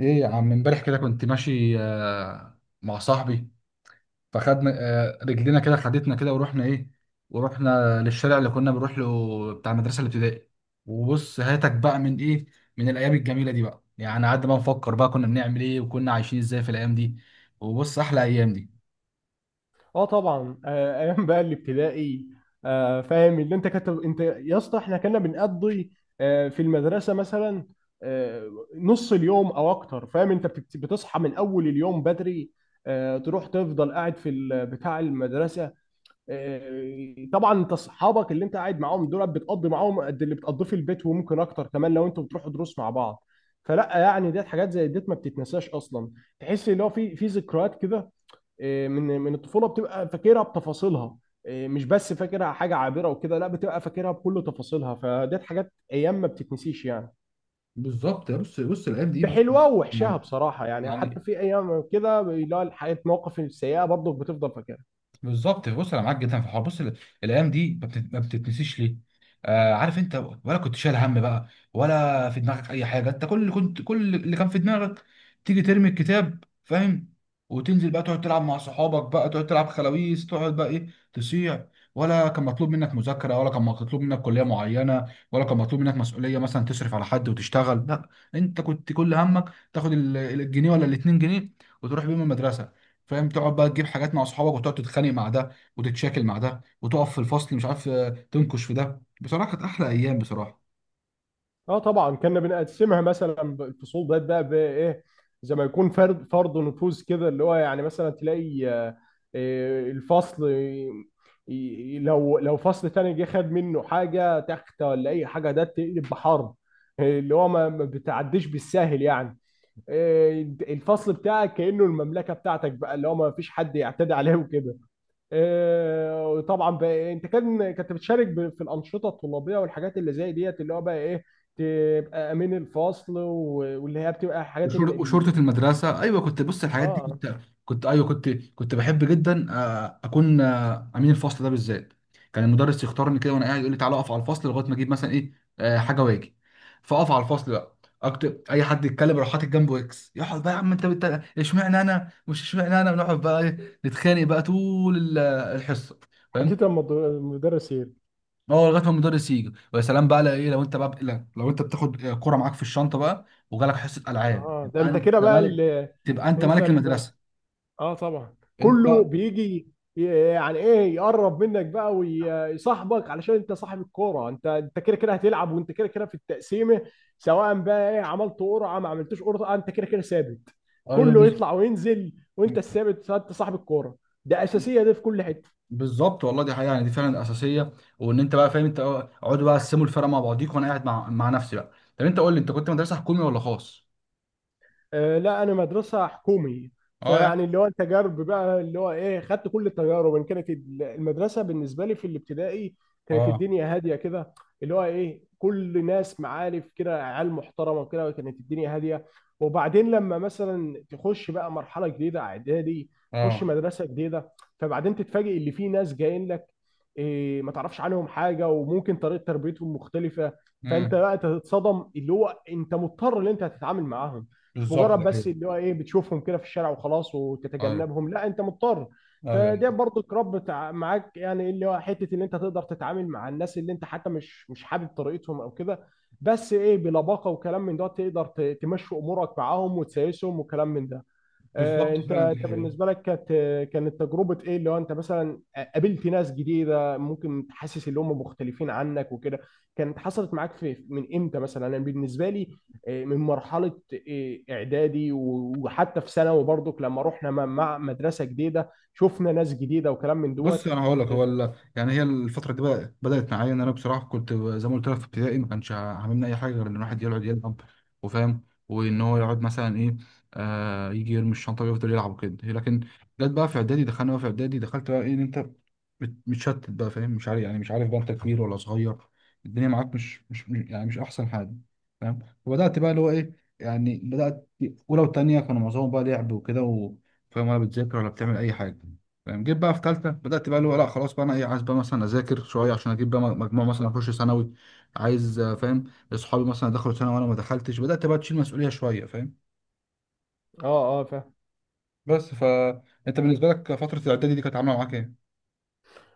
ايه يا عم، امبارح كده كنت ماشي مع صاحبي. فخدنا رجلينا كده، خدتنا كده ورحنا للشارع اللي كنا بنروح له بتاع المدرسه الابتدائي. وبص هاتك بقى من الايام الجميله دي، بقى يعني قعدنا بقى نفكر بقى كنا بنعمل ايه وكنا عايشين ازاي في الايام دي. وبص، احلى ايام دي. اه طبعا، ايام بقى الابتدائي. فاهم اللي انت يا اسطى، احنا كنا بنقضي في المدرسه مثلا آه، نص اليوم او اكتر. فاهم، انت بتصحى من اول اليوم بدري، تروح تفضل قاعد في بتاع المدرسه. طبعا، انت اصحابك اللي انت قاعد معاهم دول بتقضي معاهم قد اللي بتقضيه في البيت، وممكن اكتر كمان لو انتوا بتروحوا دروس مع بعض. فلا يعني ديت حاجات زي ديت ما بتتنساش اصلا، تحس اللي هو في ذكريات كده. من الطفوله بتبقى فاكرها بتفاصيلها. مش بس فاكرها حاجه عابره وكده، لا، بتبقى فاكرها بكل تفاصيلها. فديت حاجات ايام ما بتتنسيش يعني، بالظبط يا، بص الايام دي، بص. بحلوها ووحشها يعني بصراحه. يعني حتى يعني في ايام كده اللي هو الحاجات المواقف السيئه برضه بتفضل فاكرها. بالظبط، بص، انا معاك جدا في الحوار. بص، الايام دي ما بتتنسيش ليه؟ آه، عارف انت؟ ولا كنت شايل هم بقى؟ ولا في دماغك اي حاجه؟ انت كل اللي كان في دماغك تيجي ترمي الكتاب، فاهم، وتنزل بقى تقعد تلعب مع صحابك، بقى تقعد تلعب خلاويص، تقعد بقى تصيع. ولا كان مطلوب منك مذاكره، ولا كان مطلوب منك كليه معينه، ولا كان مطلوب منك مسؤوليه مثلا تصرف على حد وتشتغل. لا، انت كنت كل همك تاخد الجنيه ولا الاتنين جنيه وتروح بيهم المدرسه، فاهم، تقعد بقى تجيب حاجات مع اصحابك وتقعد تتخانق مع ده وتتشاكل مع ده وتقف في الفصل، مش عارف، تنكش في ده. بصراحه كانت احلى ايام، بصراحه. اه طبعا. كنا بنقسمها مثلا الفصول ديت بقى بايه، زي ما يكون فرد فرض نفوذ كده، اللي هو يعني مثلا تلاقي الفصل لو فصل تاني جه خد منه حاجه تخت ولا اي حاجه ده تقلب بحرب. اللي هو ما بتعديش بالساهل يعني. الفصل بتاعك كأنه المملكه بتاعتك بقى، اللي هو ما فيش حد يعتدي عليه وكده. طبعا بقى انت كنت بتشارك في الانشطه الطلابيه والحاجات اللي زي ديت، اللي هو بقى ايه تبقى امين الفصل واللي هي بتبقى حاجات ان وشر- وشرطه المدرسه، ايوه كنت، بص، الحاجات دي اه، كنت، كنت ايوه، كنت بحب جدا اكون امين الفصل ده بالذات. كان المدرس يختارني كده وانا قاعد، يقول لي تعالى اقف على الفصل لغايه ما اجيب مثلا ايه آه، حاجه واجي. فاقف على الفصل بقى، اكتب اي حد يتكلم، اروح حاطط جنبه اكس. يقعد بقى يا عم انت اشمعنى انا مش اشمعنى انا بنقعد بقى، نتخانق بقى طول الحصه، حديث فاهم. المدرسين. هو لغايه ما المدرس يجي، ويا سلام بقى لو ايه، لو انت بقى، لا، لو انت بتاخد كرة معاك في الشنطه بقى وجالك حصه العاب، اه، ده يبقى انت انت كده بقى ملك. اللي تبقى انت انت. ملك المدرسه، اه طبعا، انت كله بقى. بيجي، ي- يعني ايه يقرب منك بقى ويصاحبك علشان انت صاحب الكوره. انت كده كده هتلعب، وانت كده كده في التقسيمه. سواء بقى ايه عملت قرعه ما عملتوش قرعه، انت كده كده ثابت. ايوه كله يطلع وينزل وانت الثابت، انت صاحب الكوره. ده اساسيه دي في كل حته. بالظبط والله، دي حقيقه يعني، دي فعلا الاساسيه. وان انت بقى، فاهم، انت اقعدوا بقى قسموا الفرق مع بعضيك، وانا قاعد مع نفسي بقى. طب انت قول لي، انت كنت مدرسه حكومي ولا خاص؟ لا، انا مدرسه حكومي. اه، يعني. فيعني اللي هو التجارب بقى اللي هو ايه خدت كل التجارب، ان كانت المدرسه بالنسبه لي في الابتدائي، كانت اه، الدنيا هاديه كده، اللي هو ايه كل ناس معارف كده، عيال محترمه كده. كانت الدنيا هاديه. وبعدين لما مثلا تخش بقى مرحله جديده اعدادي، تخش اه. مدرسه جديده، فبعدين تتفاجئ اللي في ناس جايين لك إيه، ما تعرفش عنهم حاجه، وممكن طريقه تربيتهم مختلفه. فانت امم بقى تتصدم، اللي هو انت مضطر ان انت هتتعامل معاهم، مش بالظبط مجرد ده بس كده. اللي هو ايه بتشوفهم كده في الشارع وخلاص ايوه، وتتجنبهم، لا انت مضطر. ايوه، فده برضو الرب معاك يعني، اللي هو حته ان انت تقدر تتعامل مع الناس اللي انت حتى مش حابب طريقتهم او كده. بس ايه بلباقه وكلام من ده تقدر تمشي امورك معاهم وتسايسهم وكلام من ده. بالظبط انت فعلا، دي انت حقيقه. بالنسبه لك كانت تجربه ايه، اللي هو انت مثلا قابلت ناس جديده ممكن تحسس اللي هم مختلفين عنك وكده؟ كانت حصلت معاك في من امتى؟ مثلا انا بالنسبه لي من مرحله اعدادي وحتى في ثانوي برضك، لما رحنا مع مدرسه جديده شفنا ناس جديده وكلام من بص دوت. انا هقول لك، يعني هي الفتره دي بقى بدات معايا ان انا بصراحه كنت زي ما قلت لك، في ابتدائي ما كانش عاملنا اي حاجه غير ان الواحد يقعد يلعب، وفاهم، وان هو يقعد مثلا ايه آه يجي يرمي الشنطه ويفضل يلعب وكده. لكن جت بقى في اعدادي، دخلت بقى ان انت متشتت بقى، فاهم، مش عارف بقى انت كبير ولا صغير. الدنيا معاك يعني مش احسن حاجه، فاهم. وبدات بقى اللي هو ايه يعني بدات اولى وثانيه كانوا معظمهم بقى لعب وكده فاهم، ولا بتذاكر ولا بتعمل اي حاجه، فاهم. جيت بقى في ثالثه، بدات بقى اللي هو لا خلاص بقى انا عايز بقى مثلا اذاكر شويه عشان اجيب بقى مجموع مثلا اخش ثانوي. عايز، فاهم. اصحابي مثلا دخلوا ثانوي وانا ما دخلتش، بدات بقى تشيل مسؤوليه شويه، فاهم. اه اه، فاهم. بس فانت بالنسبه لك فتره الاعدادي دي كانت عامله معاك ايه؟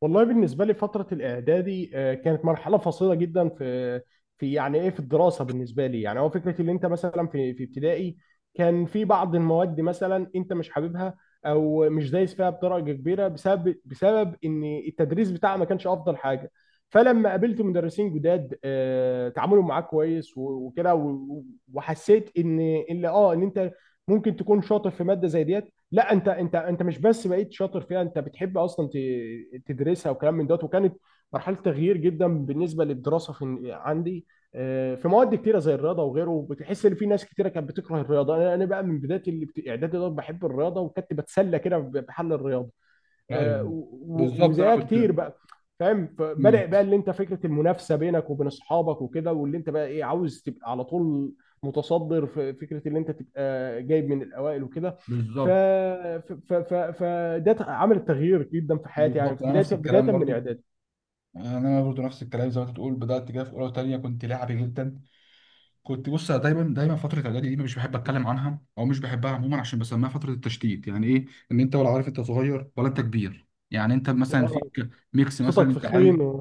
والله بالنسبة لي فترة الإعدادي كانت مرحلة فاصلة جدا في يعني إيه، في الدراسة بالنسبة لي. يعني هو فكرة اللي أنت مثلا في ابتدائي كان في بعض المواد مثلا أنت مش حاببها، أو مش دايس فيها بدرجة كبيرة بسبب إن التدريس بتاعها ما كانش أفضل حاجة. فلما قابلت مدرسين جداد تعاملهم معاك كويس وكده وحسيت إن اللي أه إن أنت ممكن تكون شاطر في مادة زي ديت. لا، انت مش بس بقيت شاطر فيها، انت بتحب اصلا تدرسها وكلام من دوت. وكانت مرحله تغيير جدا بالنسبه للدراسه في عندي. في مواد كتيره زي الرياضه وغيره، بتحس ان في ناس كتيره كانت بتكره الرياضه. انا بقى من بدايه اعدادي دوت بحب الرياضه، وكنت بتسلى كده بحل الرياضه ايوه، بالظبط. انا وزيها كنت. كتير بقى. فاهم، مم. فبدأ بقى اللي انت فكره المنافسه بينك وبين اصحابك وكده، واللي انت بقى ايه عاوز تبقى على طول متصدر، في فكره اللي انت تبقى جايب من الاوائل وكده. بالظبط، عمل تغيير جدا في حياتي يعني، بالظبط. في انا بدايه نفس الكلام بدايه من برضو، اعدادي. انا برضو نفس الكلام زي ما انت بتقول. بدات كده في اولى وثانيه، كنت لاعبي جدا. كنت، بص، دايما دايما فتره اعدادي دي مش بحب اتكلم عنها، او مش بحبها عموما، عشان بسميها فتره التشتيت. يعني ايه؟ ان انت ولا عارف انت صغير ولا انت كبير. يعني انت مثلا آه، فيك ميكس، مثلا صوتك انت عايز، فخين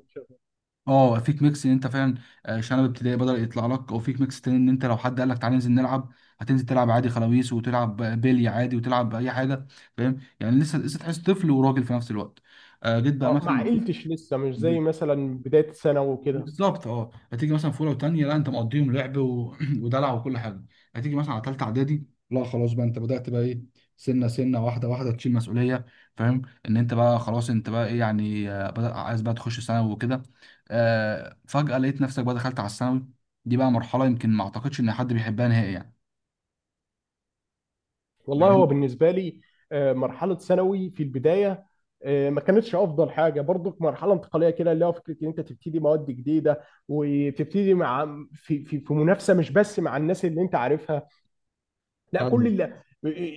اه فيك ميكس ان انت فعلا شنب ابتدائي بدأ يطلع لك، او فيك ميكس تاني ان انت لو حد قال لك تعالى ننزل نلعب، هتنزل تلعب عادي خلاويص، وتلعب بيلي عادي، وتلعب اي حاجه، فاهم. يعني لسه لسه تحس طفل وراجل في نفس الوقت. جيت بقى ما مثلا. عقلتش لسه، مش زي مثلا بدايه ثانوي وكده. بالظبط. اه هتيجي مثلا في اولى وثانيه، لا، انت مقضيهم لعب ودلع وكل حاجه. هتيجي مثلا على ثالثه اعدادي، لا خلاص بقى انت بدات بقى سنه سنه، واحده واحده تشيل مسؤوليه، فاهم. ان انت بقى خلاص، انت بقى يعني بدأ عايز بقى تخش ثانوي وكده. فجاه لقيت نفسك بقى دخلت على الثانوي. دي بقى مرحله يمكن ما اعتقدش ان حد بيحبها نهائي يعني. والله هو يعني بالنسبة لي مرحلة ثانوي في البداية ما كانتش أفضل حاجة برضك. مرحلة انتقالية كده، اللي هو فكرة إن أنت تبتدي مواد جديدة وتبتدي مع، في في منافسة، مش بس مع الناس اللي أنت عارفها، لا كل ايوه، اللي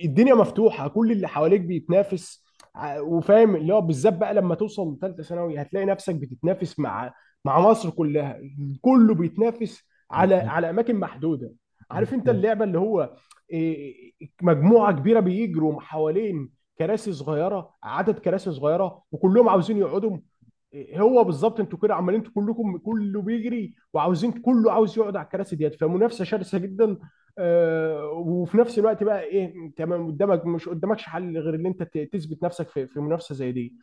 الدنيا مفتوحه، كل اللي حواليك بيتنافس. وفاهم اللي هو بالذات بقى لما توصل لثالثه ثانوي هتلاقي نفسك بتتنافس مع مصر كلها. كله بيتنافس على بالظبط. اماكن محدوده. عارف انت بالظبط، اللعبه اللي هو إيه، مجموعه كبيره بيجروا حوالين كراسي صغيره، عدد كراسي صغيره وكلهم عاوزين يقعدوا. هو بالظبط، انتوا كده عمالين، انتوا كلكم كله بيجري وعاوزين، كله عاوز يقعد على الكراسي ديت، فمنافسه شرسه جدا. وفي نفس الوقت بقى ايه تمام، قدامك مش قدامكش حل غير ان انت تثبت نفسك في منافسه زي دي.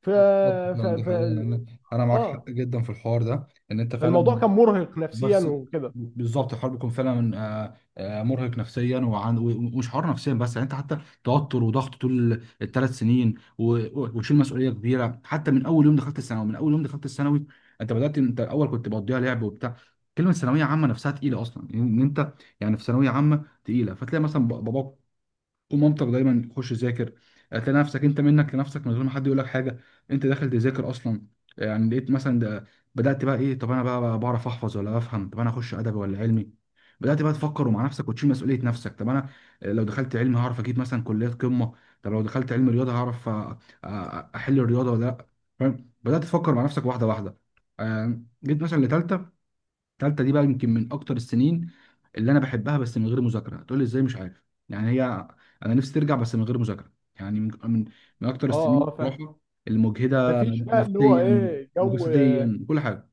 ف بالظبط ف, فعلا دي ف... حقيقة. أنا معاك اه، حق جدا في الحوار ده، إن أنت فالموضوع فعلا. كان مرهق نفسيا بس وكده. بالظبط الحوار بيكون فعلا مرهق نفسيا، ومش حوار نفسيا بس يعني. انت حتى توتر وضغط طول الثلاث سنين وشيل مسؤوليه كبيره حتى من اول يوم دخلت الثانوي. انت بدات، انت الاول كنت بقضيها لعب وبتاع. كلمه ثانويه عامه نفسها تقيله اصلا، ان انت يعني في ثانويه عامه تقيله. فتلاقي مثلا باباك قوم، مامتك دايما خش ذاكر. هتلاقي نفسك انت منك لنفسك من غير ما حد يقول لك حاجه، انت داخل تذاكر اصلا. يعني لقيت مثلا ده، بدات بقى طب انا بقى بعرف احفظ ولا بفهم؟ طب انا اخش ادبي ولا علمي؟ بدات بقى تفكر مع نفسك وتشيل مسؤوليه نفسك. طب انا لو دخلت علمي، هعرف اجيب مثلا كليات قمه. طب لو دخلت علم رياضه، هعرف احل الرياضه ولا لا، فاهم. بدات تفكر مع نفسك واحده واحده. جيت مثلا لتالتة. التالتة دي بقى يمكن من اكتر السنين اللي انا بحبها، بس من غير مذاكرة. تقول لي ازاي؟ مش عارف يعني. هي، انا نفسي ترجع، بس من غير مذاكرة يعني، من اكتر اه السنين اه، بصراحة المجهدة مفيش بقى اللي هو نفسيا ايه جو. وجسديا، كل حاجة.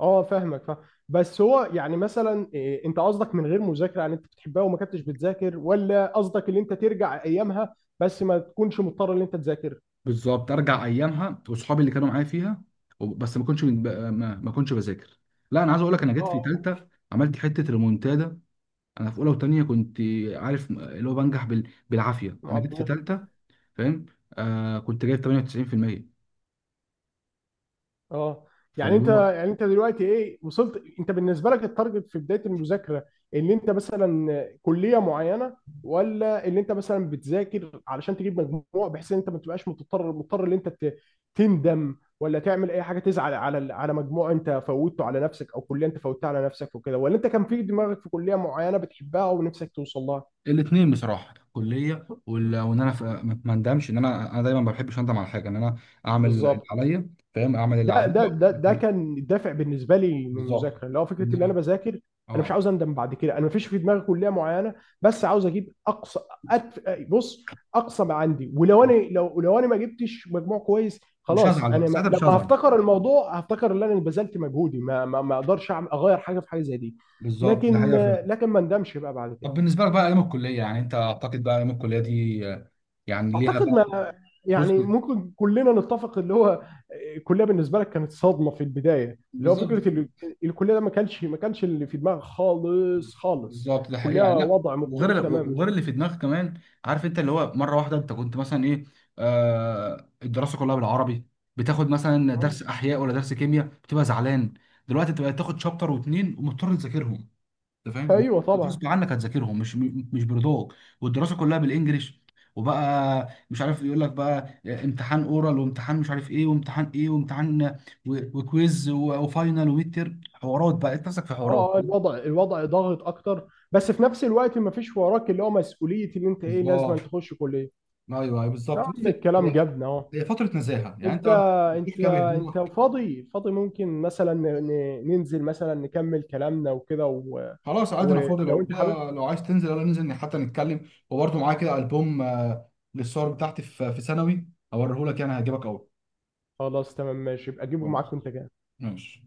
اه، فاهمك، فاهم. بس هو يعني مثلا إيه، انت قصدك من غير مذاكره يعني انت بتحبها وما كنتش بتذاكر، ولا قصدك ان انت ترجع ايامها بس ما تكونش مضطر ان انت تذاكر؟ بالظبط، ارجع ايامها، واصحابي اللي كانوا معايا فيها. وب- بس ما كنتش بذاكر. لا، انا عايز اقول لك، انا جيت في اه آه، تالتة، عملت حتة ريمونتادا. انا في اولى وتانية كنت، عارف، اللي هو بنجح بالعافية. انا جيت في مقضيها. تالتة، فاهم، كنت جايب 98%. اه، يعني فاللي انت، هو يعني انت دلوقتي ايه وصلت؟ انت بالنسبه لك التارجت في بدايه المذاكره ان انت مثلا كليه معينه، ولا ان انت مثلا بتذاكر علشان تجيب مجموع بحيث ان انت ما تبقاش مضطر ان انت تندم ولا تعمل اي حاجه، تزعل على على مجموع انت فوتته على نفسك او كليه انت فوتتها على نفسك وكده، ولا انت كان في دماغك في كليه معينه بتحبها ونفسك توصل لها؟ الاثنين بصراحه، الكليه، وان انا ما اندمش. ان انا دايما ما بحبش اندم على حاجه، ان انا اعمل اللي بالظبط، عليا، فاهم، اعمل اللي ده ده عليا. ده ده كان الدافع بالنسبه لي من بالظبط. المذاكره، اللي هو فكره اللي انا بذاكر. انا مش اه، عاوز اندم بعد كده. انا مفيش في دماغي كليه معينه، بس عاوز اجيب اقصى. أتف... بص، اقصى ما عندي. ولو انا لو انا ما جبتش مجموع كويس، مش خلاص. هزعل بقى انا ما... ساعتها، مش لما هزعل. هفتكر الموضوع هفتكر ان انا بذلت مجهودي، ما ما اقدرش اغير حاجه في حاجه زي دي. بالظبط ده لكن حقيقه فعلا. ما اندمش بقى بعد كده. طب بالنسبه لك بقى ايام الكليه، يعني انت، اعتقد بقى ايام الكليه دي يعني ليها اعتقد بقى. ما، بص، يعني ممكن كلنا نتفق اللي هو الكليه بالنسبه لك كانت صدمه في البدايه، اللي هو بالظبط. فكره الكليه ده ما كانش اللي في دماغك خالص. بالظبط ده حقيقي يعني، كليه، لا. وضع مختلف وغير تماما. وغير اللي في دماغك كمان، عارف انت. اللي هو مره واحده انت كنت مثلا ايه آه الدراسه كلها بالعربي. بتاخد مثلا آه. درس احياء ولا درس كيمياء، بتبقى زعلان. دلوقتي انت بقيت تاخد شابتر واتنين ومضطر تذاكرهم، انت فاهم، ايوه طبعا. غصب عنك هتذاكرهم، مش مش برضاك. والدراسه كلها بالانجلش، وبقى مش عارف يقول لك بقى امتحان اورال، وامتحان مش عارف ايه، وامتحان ايه، وامتحان وكويز، وفاينل، وميد تيرم، حوارات بقى انت نفسك في اه حوارات. الوضع ضاغط اكتر، بس في نفس الوقت ما فيش وراك اللي هو مسؤوليه اللي انت ايه لازم بالظبط. أن تخش كليه. ايوه، أيوة، يا بالظبط، بص. عم الكلام هي جبنا اهو. هي فتره نزاهه يعني، انت انت بتروح انت كده انت بهدومك. فاضي؟ ممكن مثلا ننزل مثلا نكمل كلامنا وكده و... خلاص، عادي، انا فاضي. ولو لو انت حابب. كده، لو عايز تنزل، يلا ننزل حتى نتكلم. وبرده معايا كده البوم للصور بتاعتي في ثانوي، هوريهولك، يعني هيعجبك قوي. خلاص، تمام، ماشي، يبقى جيبه خلاص معاك وانت جاي. ماشي